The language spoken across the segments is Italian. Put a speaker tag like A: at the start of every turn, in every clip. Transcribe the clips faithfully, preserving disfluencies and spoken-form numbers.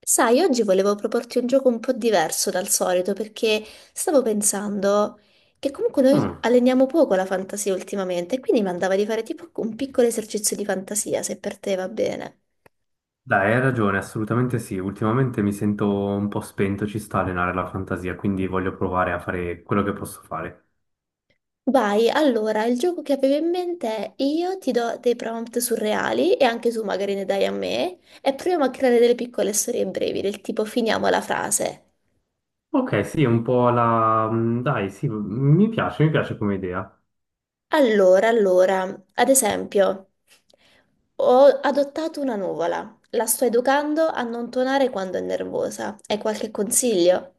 A: Sai, oggi volevo proporti un gioco un po' diverso dal solito perché stavo pensando che comunque noi
B: Mm.
A: alleniamo poco la fantasia ultimamente, e quindi mi andava di fare tipo un piccolo esercizio di fantasia, se per te va bene.
B: Dai, hai ragione, assolutamente sì. Ultimamente mi sento un po' spento, ci sta a allenare la fantasia, quindi voglio provare a fare quello che posso fare.
A: Vai, allora, il gioco che avevo in mente è io ti do dei prompt surreali e anche tu magari ne dai a me e proviamo a creare delle piccole storie brevi, del tipo finiamo la frase.
B: Ok, sì, un po' la... mm, dai, sì, mi piace, mi piace come idea.
A: Allora, allora, ad esempio, ho adottato una nuvola, la sto educando a non tonare quando è nervosa. Hai qualche consiglio?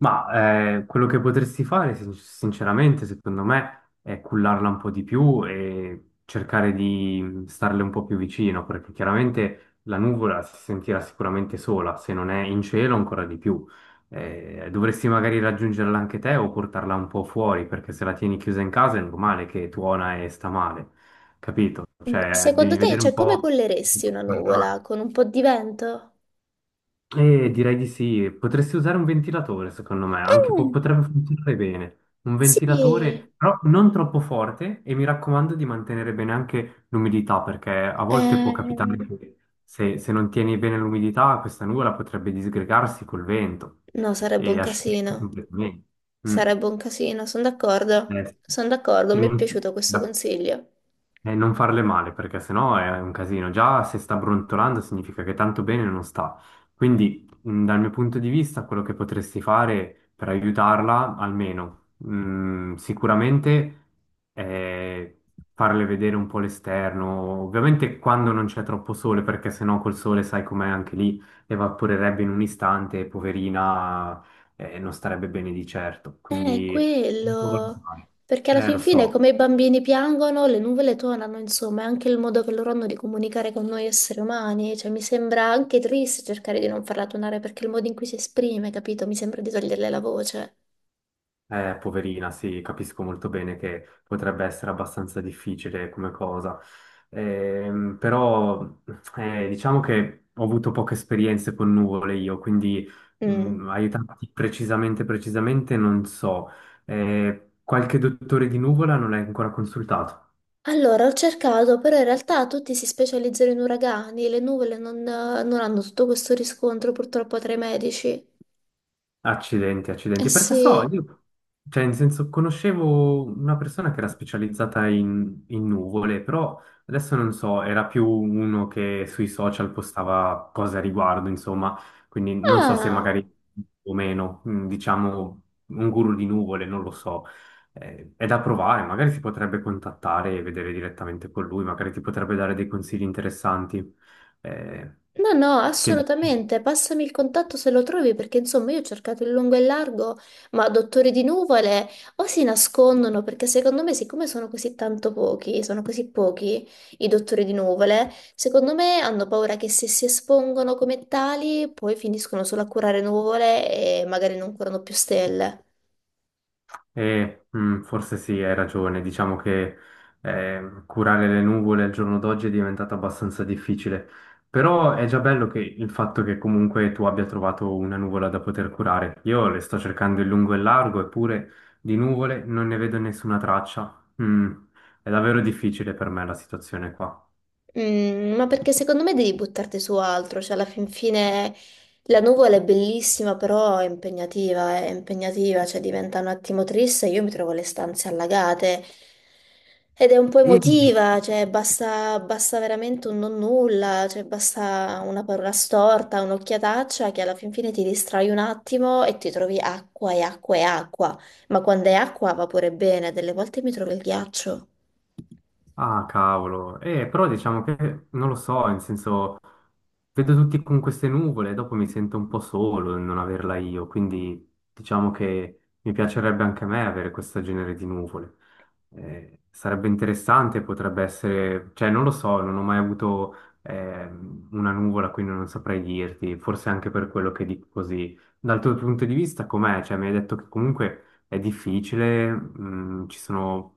B: Ma eh, quello che potresti fare, sin- sinceramente, secondo me, è cullarla un po' di più e cercare di starle un po' più vicino, perché chiaramente la nuvola si sentirà sicuramente sola, se non è in cielo ancora di più. Eh, dovresti magari raggiungerla anche te o portarla un po' fuori, perché se la tieni chiusa in casa è normale che tuona e sta male, capito? Cioè,
A: Secondo
B: devi
A: te,
B: vedere un
A: cioè, come
B: po'.
A: colleresti una nuvola? Con un po' di vento?
B: Eh, direi di sì, potresti usare un ventilatore, secondo me, anche po-
A: Eh,
B: potrebbe funzionare bene. Un
A: Sì,
B: ventilatore, però non troppo forte e mi raccomando di mantenere bene anche l'umidità, perché a volte può capitare
A: eh,
B: che se, se non tieni bene l'umidità, questa nuvola potrebbe disgregarsi col vento
A: no, sarebbe un
B: e asciugarsi
A: casino.
B: completamente. Mm.
A: Sarebbe un casino, sono d'accordo.
B: Eh, sì.
A: Sono d'accordo, mi è
B: Tieni-
A: piaciuto questo consiglio.
B: e non farle male, perché sennò è un casino. Già se sta brontolando significa che tanto bene non sta. Quindi, mh, dal mio punto di vista, quello che potresti fare per aiutarla, almeno, mh, sicuramente è farle vedere un po' l'esterno. Ovviamente quando non c'è troppo sole, perché sennò col sole, sai com'è, anche lì evaporerebbe in un istante, e poverina, eh, non starebbe bene di certo.
A: Eh,
B: Quindi, un po'
A: quello,
B: valutare.
A: perché alla
B: Eh, lo
A: fin fine
B: so.
A: come i bambini piangono, le nuvole tonano, insomma, è anche il modo che loro hanno di comunicare con noi esseri umani, cioè mi sembra anche triste cercare di non farla tonare perché il modo in cui si esprime, capito? Mi sembra di toglierle la voce.
B: Eh, poverina, sì, capisco molto bene che potrebbe essere abbastanza difficile come cosa, Ehm, però eh, diciamo che ho avuto poche esperienze con nuvole io, quindi
A: Mm.
B: mh, aiutarti precisamente, precisamente non so. Eh, qualche dottore di nuvola non l'hai ancora consultato?
A: Allora, ho cercato, però in realtà tutti si specializzano in uragani, le nuvole non, non hanno tutto questo riscontro purtroppo tra i medici.
B: Accidenti,
A: Eh
B: accidenti, perché so,
A: sì.
B: io, cioè, in senso, conoscevo una persona che era specializzata in, in nuvole, però adesso non so, era più uno che sui social postava cose a riguardo, insomma, quindi non so se
A: Ah!
B: magari o meno, mm, diciamo, un guru di nuvole, non lo so. Eh, è da provare, magari si potrebbe contattare e vedere direttamente con lui, magari ti potrebbe dare dei consigli interessanti. Eh,
A: No, no,
B: che dici?
A: assolutamente. Passami il contatto se lo trovi, perché insomma io ho cercato in lungo e in largo, ma dottori di nuvole o si nascondono, perché secondo me, siccome sono così tanto pochi, sono così pochi i dottori di nuvole, secondo me hanno paura che se si espongono come tali, poi finiscono solo a curare nuvole e magari non curano più stelle.
B: Eh, mm, forse sì, hai ragione. Diciamo che eh, curare le nuvole al giorno d'oggi è diventato abbastanza difficile. Però è già bello che il fatto che comunque tu abbia trovato una nuvola da poter curare. Io le sto cercando in lungo e in largo, eppure di nuvole non ne vedo nessuna traccia. Mm, è davvero difficile per me la situazione qua.
A: Mm, ma perché secondo me devi buttarti su altro, cioè alla fin fine la nuvola è bellissima, però è impegnativa, è impegnativa, cioè diventa un attimo triste, io mi trovo le stanze allagate ed è un po'
B: Mm.
A: emotiva, cioè basta, basta veramente un non nulla, cioè basta una parola storta, un'occhiataccia che alla fin fine ti distrai un attimo e ti trovi acqua e acqua e acqua, ma quando è acqua va pure bene, delle volte mi trovo il ghiaccio.
B: Ah, cavolo. Eh, però diciamo che non lo so, nel senso, vedo tutti con queste nuvole e dopo mi sento un po' solo nel non averla io, quindi diciamo che mi piacerebbe anche a me avere questo genere di nuvole. Eh, sarebbe interessante, potrebbe essere, cioè non lo so, non ho mai avuto ehm, una nuvola, quindi non saprei dirti, forse anche per quello che dico così. Dal tuo punto di vista com'è? Cioè mi hai detto che comunque è difficile, mh, ci sono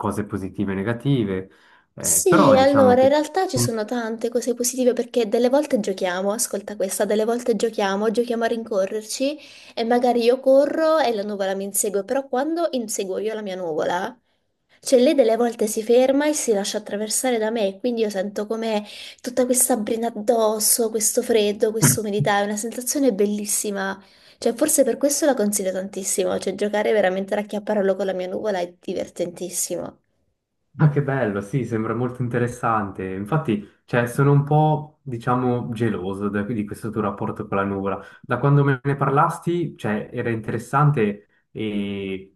B: cose positive e negative, eh,
A: Sì,
B: però diciamo
A: allora, in
B: che.
A: realtà ci sono tante cose positive perché delle volte giochiamo, ascolta questa, delle volte giochiamo, giochiamo a rincorrerci e magari io corro e la nuvola mi insegue, però quando inseguo io la mia nuvola, cioè lei delle volte si ferma e si lascia attraversare da me, quindi io sento come tutta questa brina addosso, questo freddo, questa umidità, è una sensazione bellissima. Cioè, forse per questo la consiglio tantissimo, cioè giocare veramente a racchiapparello con la mia nuvola è divertentissimo.
B: Ma che bello, sì, sembra molto interessante. Infatti, cioè, sono un po', diciamo, geloso da- di questo tuo rapporto con la nuvola. Da quando me ne parlasti, cioè, era interessante e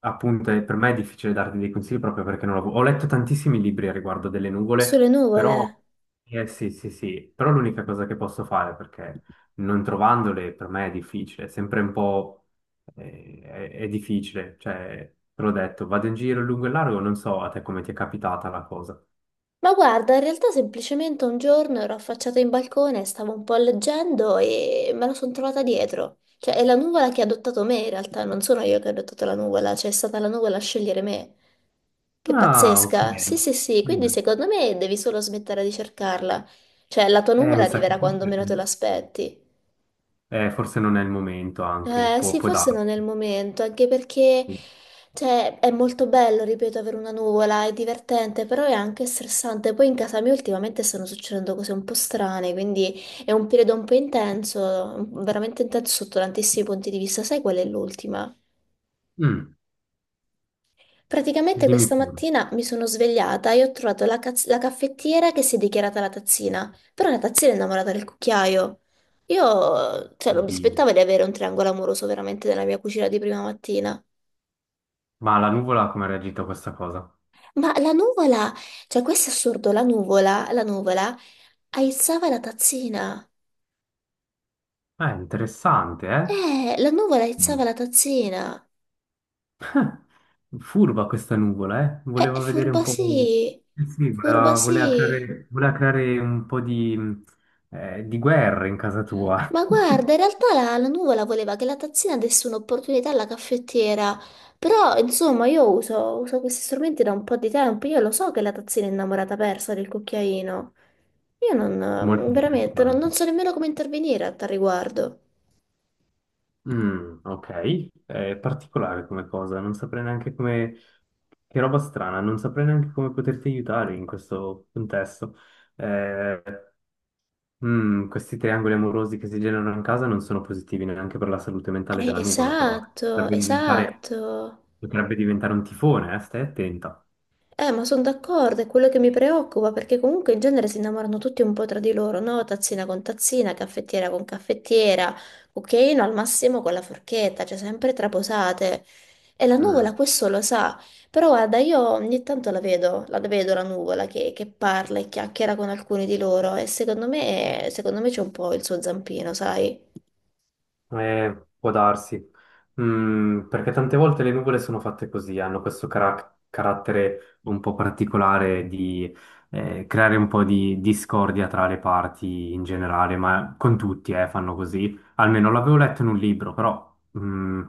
B: appunto eh, per me è difficile darti dei consigli proprio perché non l'avevo- Ho letto tantissimi libri a riguardo delle nuvole,
A: Sulle
B: però,
A: nuvole.
B: eh, sì, sì, sì, però l'unica cosa che posso fare perché non trovandole per me è difficile, è sempre un po'. Eh, È, è difficile, cioè, te l'ho detto, vado in giro lungo e largo, non so a te come ti è capitata la cosa.
A: Ma guarda, in realtà semplicemente un giorno ero affacciata in balcone, stavo un po' leggendo e me la sono trovata dietro. Cioè, è la nuvola che ha adottato me, in realtà, non sono io che ho adottato la nuvola, cioè è stata la nuvola a scegliere me. Che
B: Ah, ok.
A: pazzesca! Sì, sì, sì, quindi
B: Mm.
A: secondo me devi solo smettere di cercarla. Cioè, la tua
B: Eh,
A: nuvola
B: mi sa che
A: arriverà quando meno te l'aspetti.
B: eh, forse non è il momento anche,
A: Eh,
B: può,
A: sì,
B: può
A: forse
B: darsi.
A: non è il momento, anche perché
B: Sì.
A: cioè, è molto bello, ripeto, avere una nuvola, è divertente, però è anche stressante. Poi in casa mia ultimamente stanno succedendo cose un po' strane, quindi è un periodo un po' intenso, veramente intenso sotto tantissimi punti di vista. Sai qual è l'ultima?
B: Mm,
A: Praticamente
B: Dimmi
A: questa
B: pure.
A: mattina mi sono svegliata e ho trovato la, caz- la caffettiera che si è dichiarata la tazzina, però la tazzina è innamorata del cucchiaio. Io, cioè, non mi
B: Oddio.
A: aspettavo di avere un triangolo amoroso veramente nella mia cucina di prima mattina.
B: Ma la nuvola come ha reagito a questa cosa?
A: Ma la nuvola, cioè questo è assurdo, la nuvola, la nuvola aizzava la tazzina.
B: Eh, interessante, eh?
A: Eh, la nuvola
B: Mm.
A: aizzava la tazzina.
B: Furba questa nuvola, eh?
A: Eh,
B: Voleva vedere un
A: furba
B: po'.
A: sì,
B: Eh sì,
A: furba
B: voleva, voleva
A: sì.
B: creare, voleva creare un po' di, eh, di guerra in casa tua.
A: Ma guarda, in realtà la, la nuvola voleva che la tazzina desse un'opportunità alla caffettiera. Però, insomma, io uso, uso questi strumenti da un po' di tempo. Io lo so che la tazzina è innamorata persa del cucchiaino. Io
B: Molto
A: non, veramente, non, non
B: interessante.
A: so nemmeno come intervenire a tal riguardo.
B: Mm, ok, è particolare come cosa, non saprei neanche come. Che roba strana, non saprei neanche come poterti aiutare in questo contesto. Eh, Mm, questi triangoli amorosi che si generano in casa non sono positivi neanche per la salute mentale
A: Eh,
B: della nuvola, però
A: esatto,
B: potrebbe diventare,
A: esatto.
B: potrebbe diventare un tifone, eh? Stai attenta.
A: Eh, ma sono d'accordo, è quello che mi preoccupa, perché comunque in genere si innamorano tutti un po' tra di loro, no? Tazzina con tazzina, caffettiera con caffettiera, cucchiaino al massimo con la forchetta, cioè sempre traposate. E la nuvola
B: Mm.
A: questo lo sa, però guarda, io ogni tanto la vedo, la vedo la nuvola che, che parla e chiacchiera con alcuni di loro e secondo me, secondo me c'è un po' il suo zampino, sai?
B: Eh, può darsi, Mm, perché tante volte le nuvole sono fatte così, hanno questo cara- carattere un po' particolare di eh, creare un po' di discordia tra le parti in generale, ma con tutti eh, fanno così. Almeno l'avevo letto in un libro, però mm,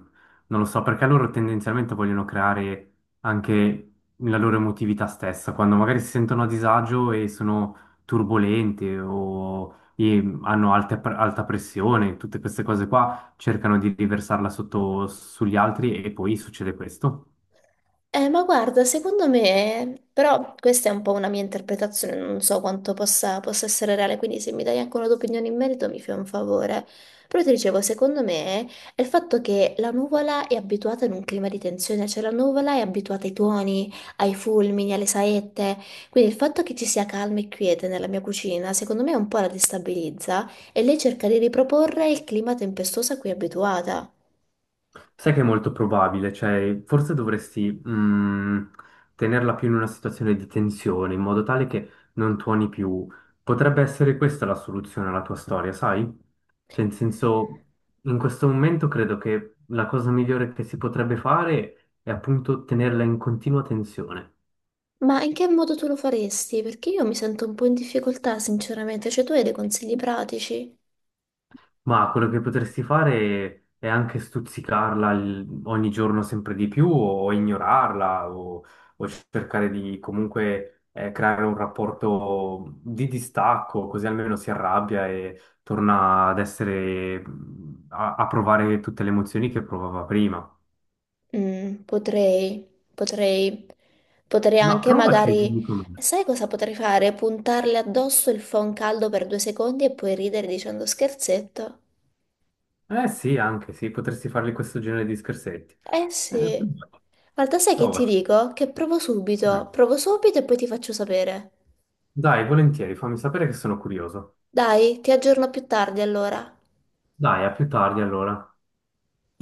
B: non lo so, perché loro tendenzialmente vogliono creare anche la loro emotività stessa, quando magari si sentono a disagio e sono turbolenti o e hanno alte- alta pressione, tutte queste cose qua cercano di riversarla sotto sugli altri e poi succede questo.
A: Eh, ma guarda, secondo me, però questa è un po' una mia interpretazione, non so quanto possa, possa essere reale, quindi se mi dai anche una tua opinione in merito mi fai un favore. Però ti dicevo, secondo me è il fatto che la nuvola è abituata in un clima di tensione, cioè la nuvola è abituata ai tuoni, ai fulmini, alle saette, quindi il fatto che ci sia calma e quiete nella mia cucina, secondo me un po' la destabilizza e lei cerca di riproporre il clima tempestoso a cui è abituata.
B: Sai che è molto probabile, cioè forse dovresti mh, tenerla più in una situazione di tensione, in modo tale che non tuoni più. Potrebbe essere questa la soluzione alla tua storia, sai? Cioè, in senso, in questo momento credo che la cosa migliore che si potrebbe fare è appunto tenerla in continua tensione.
A: Ma in che modo tu lo faresti? Perché io mi sento un po' in difficoltà, sinceramente. Cioè, tu hai dei consigli pratici?
B: Ma quello che potresti fare è anche stuzzicarla il- ogni giorno sempre di più o ignorarla o, o, cercare di comunque eh, creare un rapporto di distacco, così almeno si arrabbia e torna ad essere a, a provare tutte le emozioni che provava prima.
A: Mm, potrei, potrei, potrei
B: Ma
A: anche
B: provaci, e
A: magari,
B: dimmi com'è.
A: sai cosa potrei fare? Puntarle addosso il phon caldo per due secondi e poi ridere dicendo scherzetto.
B: Eh sì, anche sì, potresti fargli questo genere di scherzetti.
A: Eh
B: Eh,
A: sì.
B: provaci.
A: Guarda, sai che ti
B: Provaci.
A: dico? Che provo
B: Mm.
A: subito, provo subito e poi ti faccio sapere.
B: Dai, volentieri, fammi sapere che sono curioso.
A: Dai, ti aggiorno più tardi allora.
B: Dai, a più tardi allora.